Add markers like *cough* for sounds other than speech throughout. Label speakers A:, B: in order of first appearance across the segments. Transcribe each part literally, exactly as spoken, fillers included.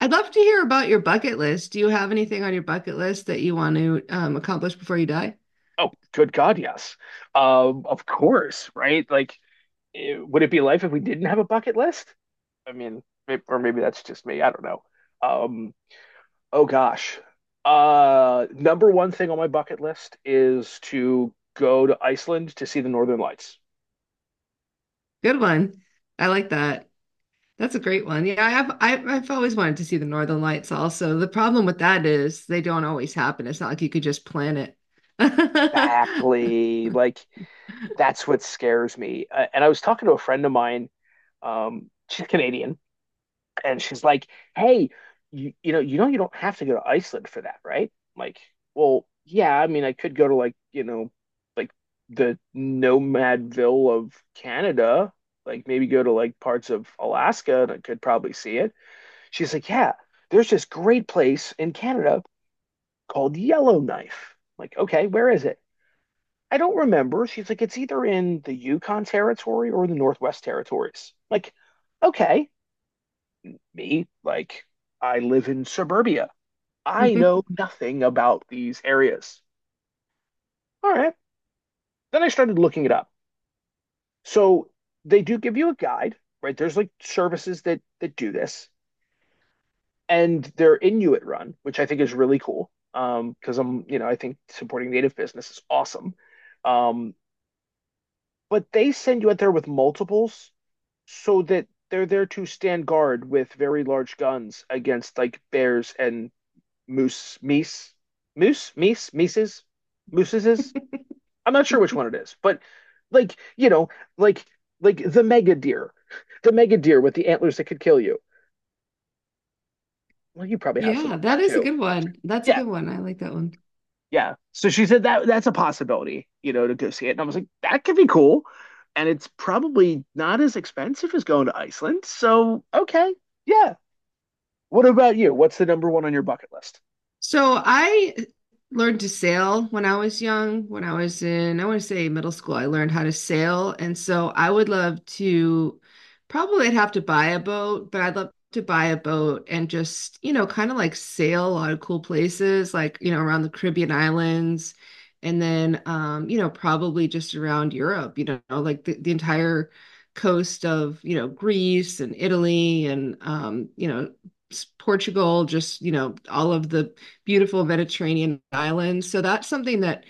A: I'd love to hear about your bucket list. Do you have anything on your bucket list that you want to um, accomplish before you die?
B: Oh, good God, yes. Um, of course, right? Like, it- would it be life if we didn't have a bucket list? I mean, maybe, or maybe that's just me. I don't know. Um, oh gosh. Uh, number one thing on my bucket list is to go to Iceland to see the Northern Lights.
A: Good one. I like that. That's a great one. Yeah, I have, I, I've always wanted to see the Northern Lights also. The problem with that is they don't always happen. It's not like you could just plan it. *laughs*
B: Exactly. Like that's what scares me. Uh, and I was talking to a friend of mine. Um, she's Canadian, and she's like, "Hey, you you know you know you don't have to go to Iceland for that, right?" I'm like, well, yeah. I mean, I could go to like you know, like the Nomadville of Canada. Like maybe go to like parts of Alaska, and I could probably see it. She's like, "Yeah, there's this great place in Canada called Yellowknife." I'm like, okay, where is it? I don't remember. She's like, it's either in the Yukon Territory or the Northwest Territories. I'm like, okay me, like I live in suburbia. I know
A: *laughs*
B: nothing about these areas. All right. Then I started looking it up. So they do give you a guide, right? There's like services that that do this, and they're Inuit run, which I think is really cool. Um, because I'm, you know, I think supporting native business is awesome. Um, but they send you out there with multiples so that they're there to stand guard with very large guns against like bears and moose meese moose meese meeses mooses. I'm not sure which one it is, but like you know, like like the mega deer, the mega deer with the antlers that could kill you. Well, you probably have some
A: Yeah,
B: up there
A: that is a
B: too.
A: good one. That's a
B: Yeah,
A: good one. I like that one.
B: yeah. So she said that that's a possibility, you know, to go see it, and I was like, that could be cool, and it's probably not as expensive as going to Iceland. So okay, yeah. What about you? What's the number one on your bucket list?
A: So I learned to sail when I was young. When I was in, I want to say middle school, I learned how to sail. And so I would love to, probably I'd have to buy a boat, but I'd love to buy a boat and just, you know, kind of like sail a lot of cool places, like, you know, around the Caribbean islands. And then, um, you know, probably just around Europe, you know, like the, the entire coast of, you know, Greece and Italy and, um, you know, s- Portugal, just, you know, all of the beautiful Mediterranean islands. So that's something that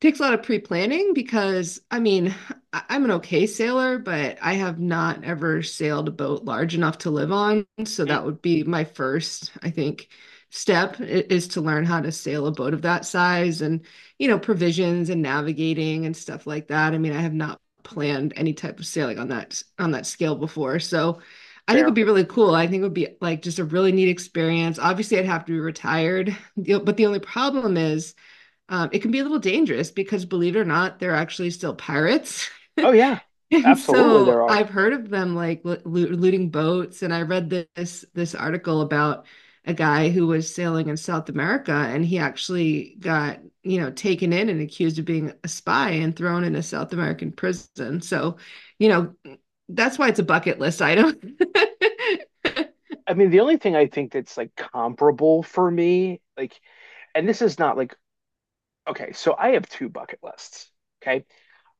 A: takes a lot of pre-planning because I mean, I- I'm an okay sailor, but I have not ever sailed a boat large enough to live on. So
B: Mm,
A: that would be my first, I think, step i- is to learn how to sail a boat of that size and, you know, provisions and navigating and stuff like that. I mean, I have not planned any type of sailing on that on that scale before. So I think it would
B: fair.
A: be really cool. I think it would be like just a really neat experience. Obviously, I'd have to be retired. The- but the only problem is um, it can be a little dangerous because, believe it or not, they're actually still pirates. *laughs*
B: Oh yeah,
A: And
B: absolutely. There
A: so
B: are.
A: I've heard of them like lo- looting boats, and I read this this article about a guy who was sailing in South America, and he actually got, you know, taken in and accused of being a spy and thrown in a South American prison. So, you know, that's why it's a bucket list item.
B: I mean, the only thing I think that's like comparable for me, like, and this is not like, okay, so I have two bucket lists. Okay.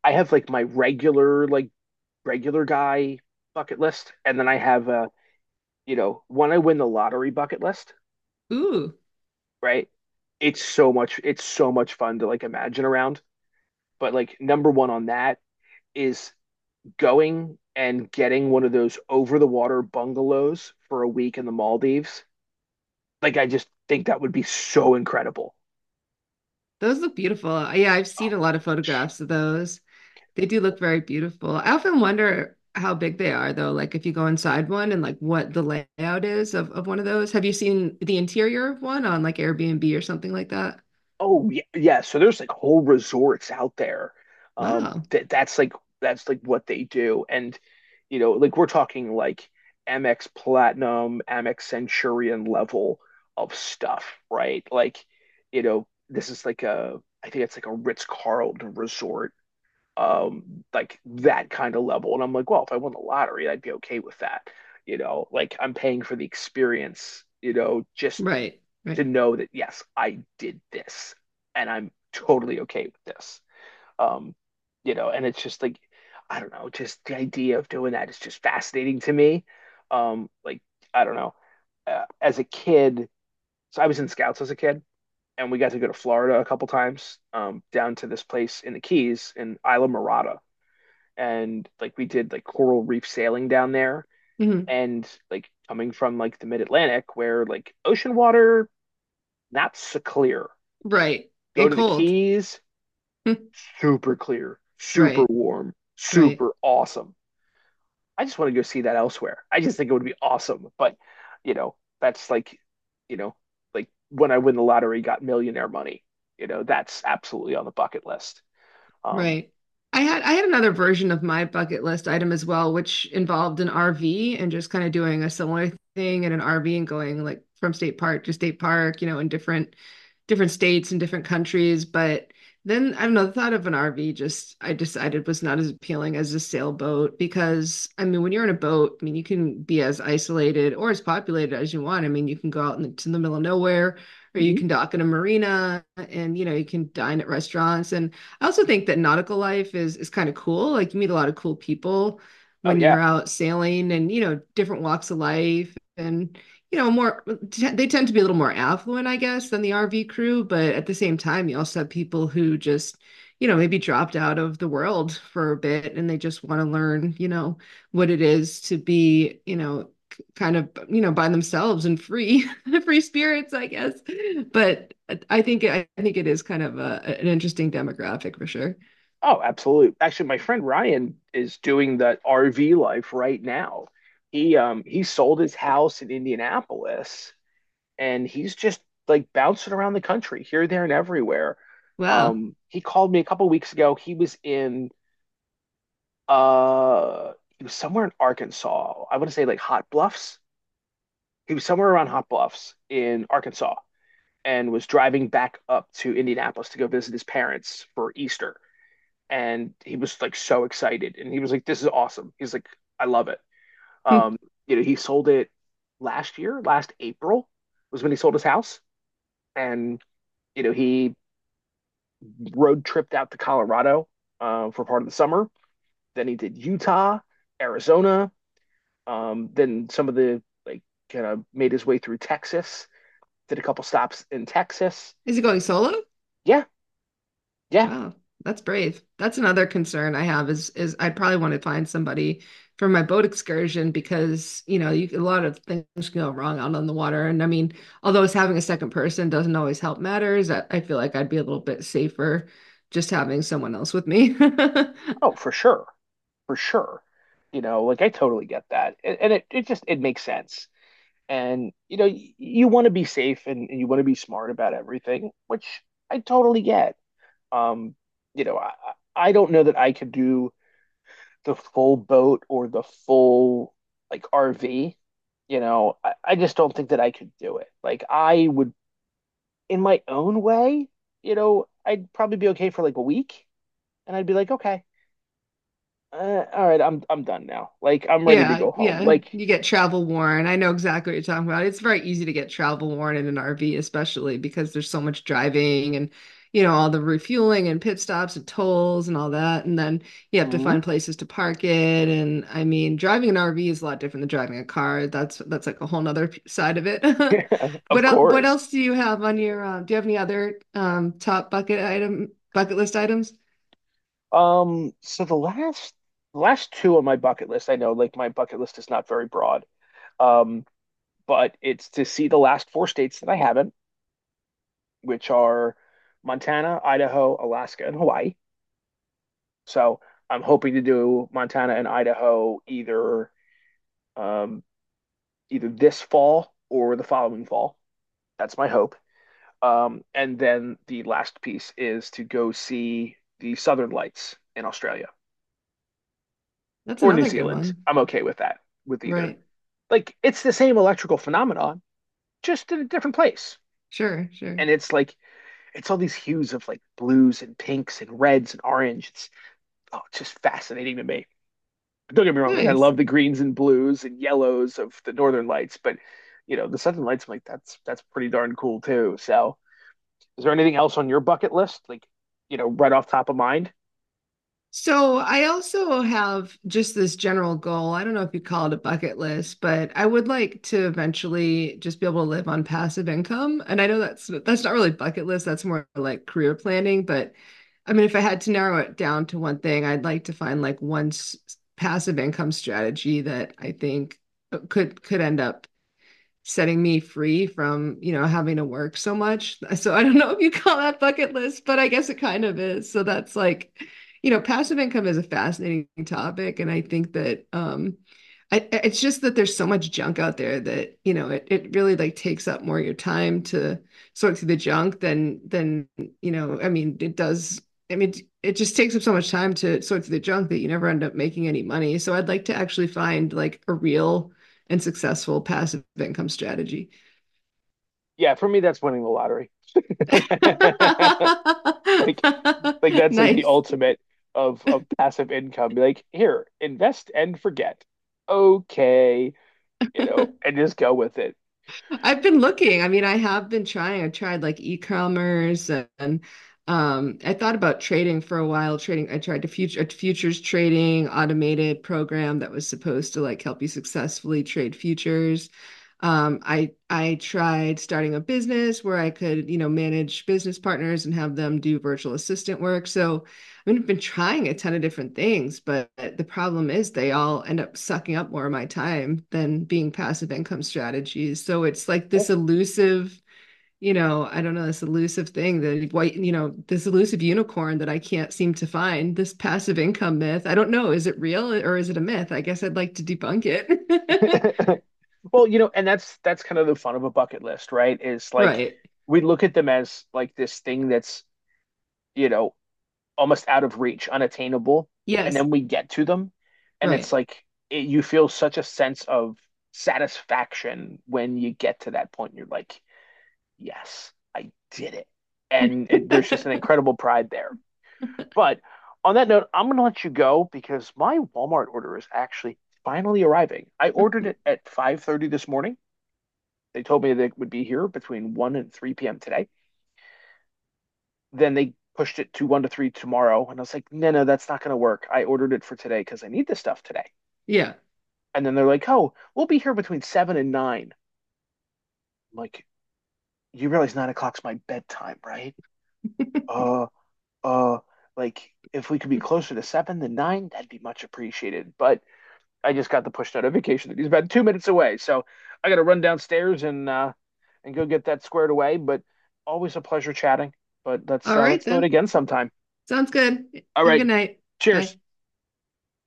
B: I have like my regular, like, regular guy bucket list. And then I have a, you know, when I win the lottery bucket list,
A: *laughs* Ooh,
B: right? It's so much, it's so much fun to like imagine around. But like, number one on that is going and getting one of those over the water bungalows for a week in the Maldives. Like, I just think that would be so incredible.
A: those look beautiful. Yeah, I've
B: Oh.
A: seen a lot of photographs of those. They do look very beautiful. I often wonder how big they are, though, like if you go inside one and like what the layout is of, of one of those. Have you seen the interior of one on like Airbnb or something like that?
B: Oh yeah, yeah. So there's like whole resorts out there. Um,
A: Wow.
B: that that's like that's like what they do, and you know, like we're talking like Amex Platinum, Amex Centurion level of stuff, right? Like, you know, this is like a I think it's like a Ritz-Carlton resort, um like that kind of level. And I'm like, well, if I won the lottery, I'd be okay with that. You know, like, I'm paying for the experience, you know, just
A: Right.
B: to
A: Right.
B: know that yes I did this, and I'm totally okay with this. um you know, and it's just like I don't know, just the idea of doing that is just fascinating to me. um like, I don't know. uh, as a kid, so I was in scouts as a kid, and we got to go to Florida a couple times, um down to this place in the Keys in Isla Mirada, and like we did like coral reef sailing down there,
A: Hmm.
B: and like coming from like the mid Atlantic where like ocean water not so clear.
A: Right.
B: Go
A: And
B: to the
A: cold.
B: Keys,
A: *laughs*
B: super clear, super
A: Right.
B: warm,
A: Right.
B: super awesome. I just want to go see that elsewhere. I just think it would be awesome, but you know, that's like, you know, like when I win the lottery, got millionaire money. You know, that's absolutely on the bucket list. Um,
A: Right. I had I had another version of my bucket list item as well, which involved an R V and just kind of doing a similar thing in an R V and going like from state park to state park, you know, in different different states and different countries. But then I don't know, the thought of an R V just I decided was not as appealing as a sailboat, because I mean when you're in a boat, I mean you can be as isolated or as populated as you want. I mean you can go out into the middle of nowhere or you
B: mm-hmm.
A: can dock in a marina and you know you can dine at restaurants, and I also think that nautical life is is kind of cool. Like you meet a lot of cool people
B: Oh
A: when
B: yeah.
A: you're out sailing, and you know different walks of life and you know more t- they tend to be a little more affluent, I guess, than the R V crew, but at the same time you also have people who just you know maybe dropped out of the world for a bit and they just want to learn, you know, what it is to be, you know, kind of, you know, by themselves and free *laughs* free spirits, I guess. But I think I think it is kind of a, an interesting demographic for sure.
B: Oh, absolutely. Actually, my friend Ryan is doing that R V life right now. He um he sold his house in Indianapolis, and he's just like bouncing around the country here, there, and everywhere.
A: Wow.
B: Um, he called me a couple weeks ago. He was in uh he was somewhere in Arkansas. I want to say like Hot Bluffs. He was somewhere around Hot Bluffs in Arkansas, and was driving back up to Indianapolis to go visit his parents for Easter, and he was like so excited, and he was like this is awesome, he's like I love it. um
A: *laughs*
B: you know, he sold it last year, last April was when he sold his house. And you know, he road tripped out to Colorado, uh, for part of the summer, then he did Utah, Arizona, um then some of the like kind of made his way through Texas, did a couple stops in Texas.
A: Is he going solo?
B: Yeah, yeah.
A: Wow, that's brave. That's another concern I have is is I'd probably want to find somebody for my boat excursion because, you know, you a lot of things can go wrong out on the water. And I mean, although it's having a second person doesn't always help matters, I, I feel like I'd be a little bit safer just having someone else with me. *laughs* I.
B: Oh for sure, for sure. You know, like I totally get that, and, and it, it just it makes sense. And you know, y- you want to be safe, and, and you want to be smart about everything, which I totally get. Um, you know, I I I don't know that I could do the full boat or the full like R V. You know, I, I just don't think that I could do it. Like I would, in my own way, you know, I'd probably be okay for like a week, and I'd be like, okay, uh, all right, I'm I'm done now. Like I'm ready to
A: Yeah,
B: go home.
A: yeah.
B: Like,
A: You get travel worn. I know exactly what you're talking about. It's very easy to get travel worn in an R V, especially because there's so much driving and, you know, all the refueling and pit stops and tolls and all that. And then you have to
B: mhm.
A: find places to park it. And I mean, driving an R V is a lot different than driving a car. That's that's like a whole nother p- side of it. *laughs*
B: *laughs* Of
A: What else, what
B: course.
A: else do you have on your, uh, do you have any other um, top bucket item, bucket list items?
B: Um, so the last last two on my bucket list, I know like my bucket list is not very broad. Um, but it's to see the last four states that I haven't, which are Montana, Idaho, Alaska, and Hawaii. So I'm hoping to do Montana and Idaho either um either this fall or the following fall. That's my hope. Um, and then the last piece is to go see the Southern Lights in Australia
A: That's
B: or New
A: another good
B: Zealand.
A: one.
B: I'm okay with that, with either.
A: Right.
B: Like it's the same electrical phenomenon, just in a different place.
A: Sure, sure.
B: And it's like it's all these hues of like blues and pinks and reds and orange. It's oh, it's just fascinating to me. But don't get me wrong, like I
A: Nice.
B: love the greens and blues and yellows of the Northern Lights, but you know, the Southern Lights, I'm like that's that's pretty darn cool too. So is there anything else on your bucket list? Like, you know, right off top of mind?
A: So I also have just this general goal. I don't know if you call it a bucket list, but I would like to eventually just be able to live on passive income. And I know that's that's not really bucket list, that's more like career planning, but I mean if I had to narrow it down to one thing, I'd like to find like one s- passive income strategy that I think uh, could could end up setting me free from, you know, having to work so much. *laughs* So I don't know if you call that bucket list, but I guess it kind of is. So that's like, you know, passive income is a fascinating topic. And I think that um I, it's just that there's so much junk out there that, you know, it, it really like takes up more of your time to sort through the junk than than, you know, I mean, it does I mean, it just takes up so much time to sort through the junk that you never end up making any money. So I'd like to actually find like a real and successful passive income strategy.
B: Yeah, for me that's winning the lottery. *laughs* Like
A: *laughs*
B: Like that's like the
A: Nice.
B: ultimate of of passive income. Be like, here, invest and forget. Okay, you know, and just go with it.
A: I've been looking. I mean, I have been trying. I tried like e-commerce and um, I thought about trading for a while. Trading, I tried to future futures trading automated program that was supposed to like help you successfully trade futures. Um, I I tried starting a business where I could, you know, manage business partners and have them do virtual assistant work. So I mean, I've been trying a ton of different things, but the problem is they all end up sucking up more of my time than being passive income strategies. So it's like this elusive, you know, I don't know, this elusive thing that white, you know, this elusive unicorn that I can't seem to find, this passive income myth. I don't know, is it real or is it a myth? I guess I'd like to debunk it. *laughs*
B: *laughs* Well, you know, and that's that's kind of the fun of a bucket list, right? Is like
A: Right.
B: we look at them as like this thing that's, you know, almost out of reach, unattainable, and
A: Yes.
B: then we get to them, and it's
A: Right.
B: like it, you feel such a sense of satisfaction when you get to that point. You're like, yes, I did it. And it, there's
A: *laughs*
B: just an incredible pride there. But on that note, I'm going to let you go because my Walmart order is actually finally arriving. I ordered it at five thirty this morning. They told me that it would be here between one and three p m today. Then they pushed it to one to three tomorrow, and I was like, "No, no, that's not going to work. I ordered it for today because I need this stuff today."
A: Yeah.
B: And then they're like, "Oh, we'll be here between seven and nine." I'm like, "You realize nine o'clock's my bedtime, right?" Oh, uh like if we could be closer to seven than nine, that'd be much appreciated. But I just got the push notification that he's about two minutes away, so I got to run downstairs and uh, and go get that squared away. But always a pleasure chatting. But let's
A: All
B: uh,
A: right
B: let's do it
A: then.
B: again sometime.
A: Sounds good.
B: All
A: Have a good
B: right,
A: night.
B: cheers.
A: Bye.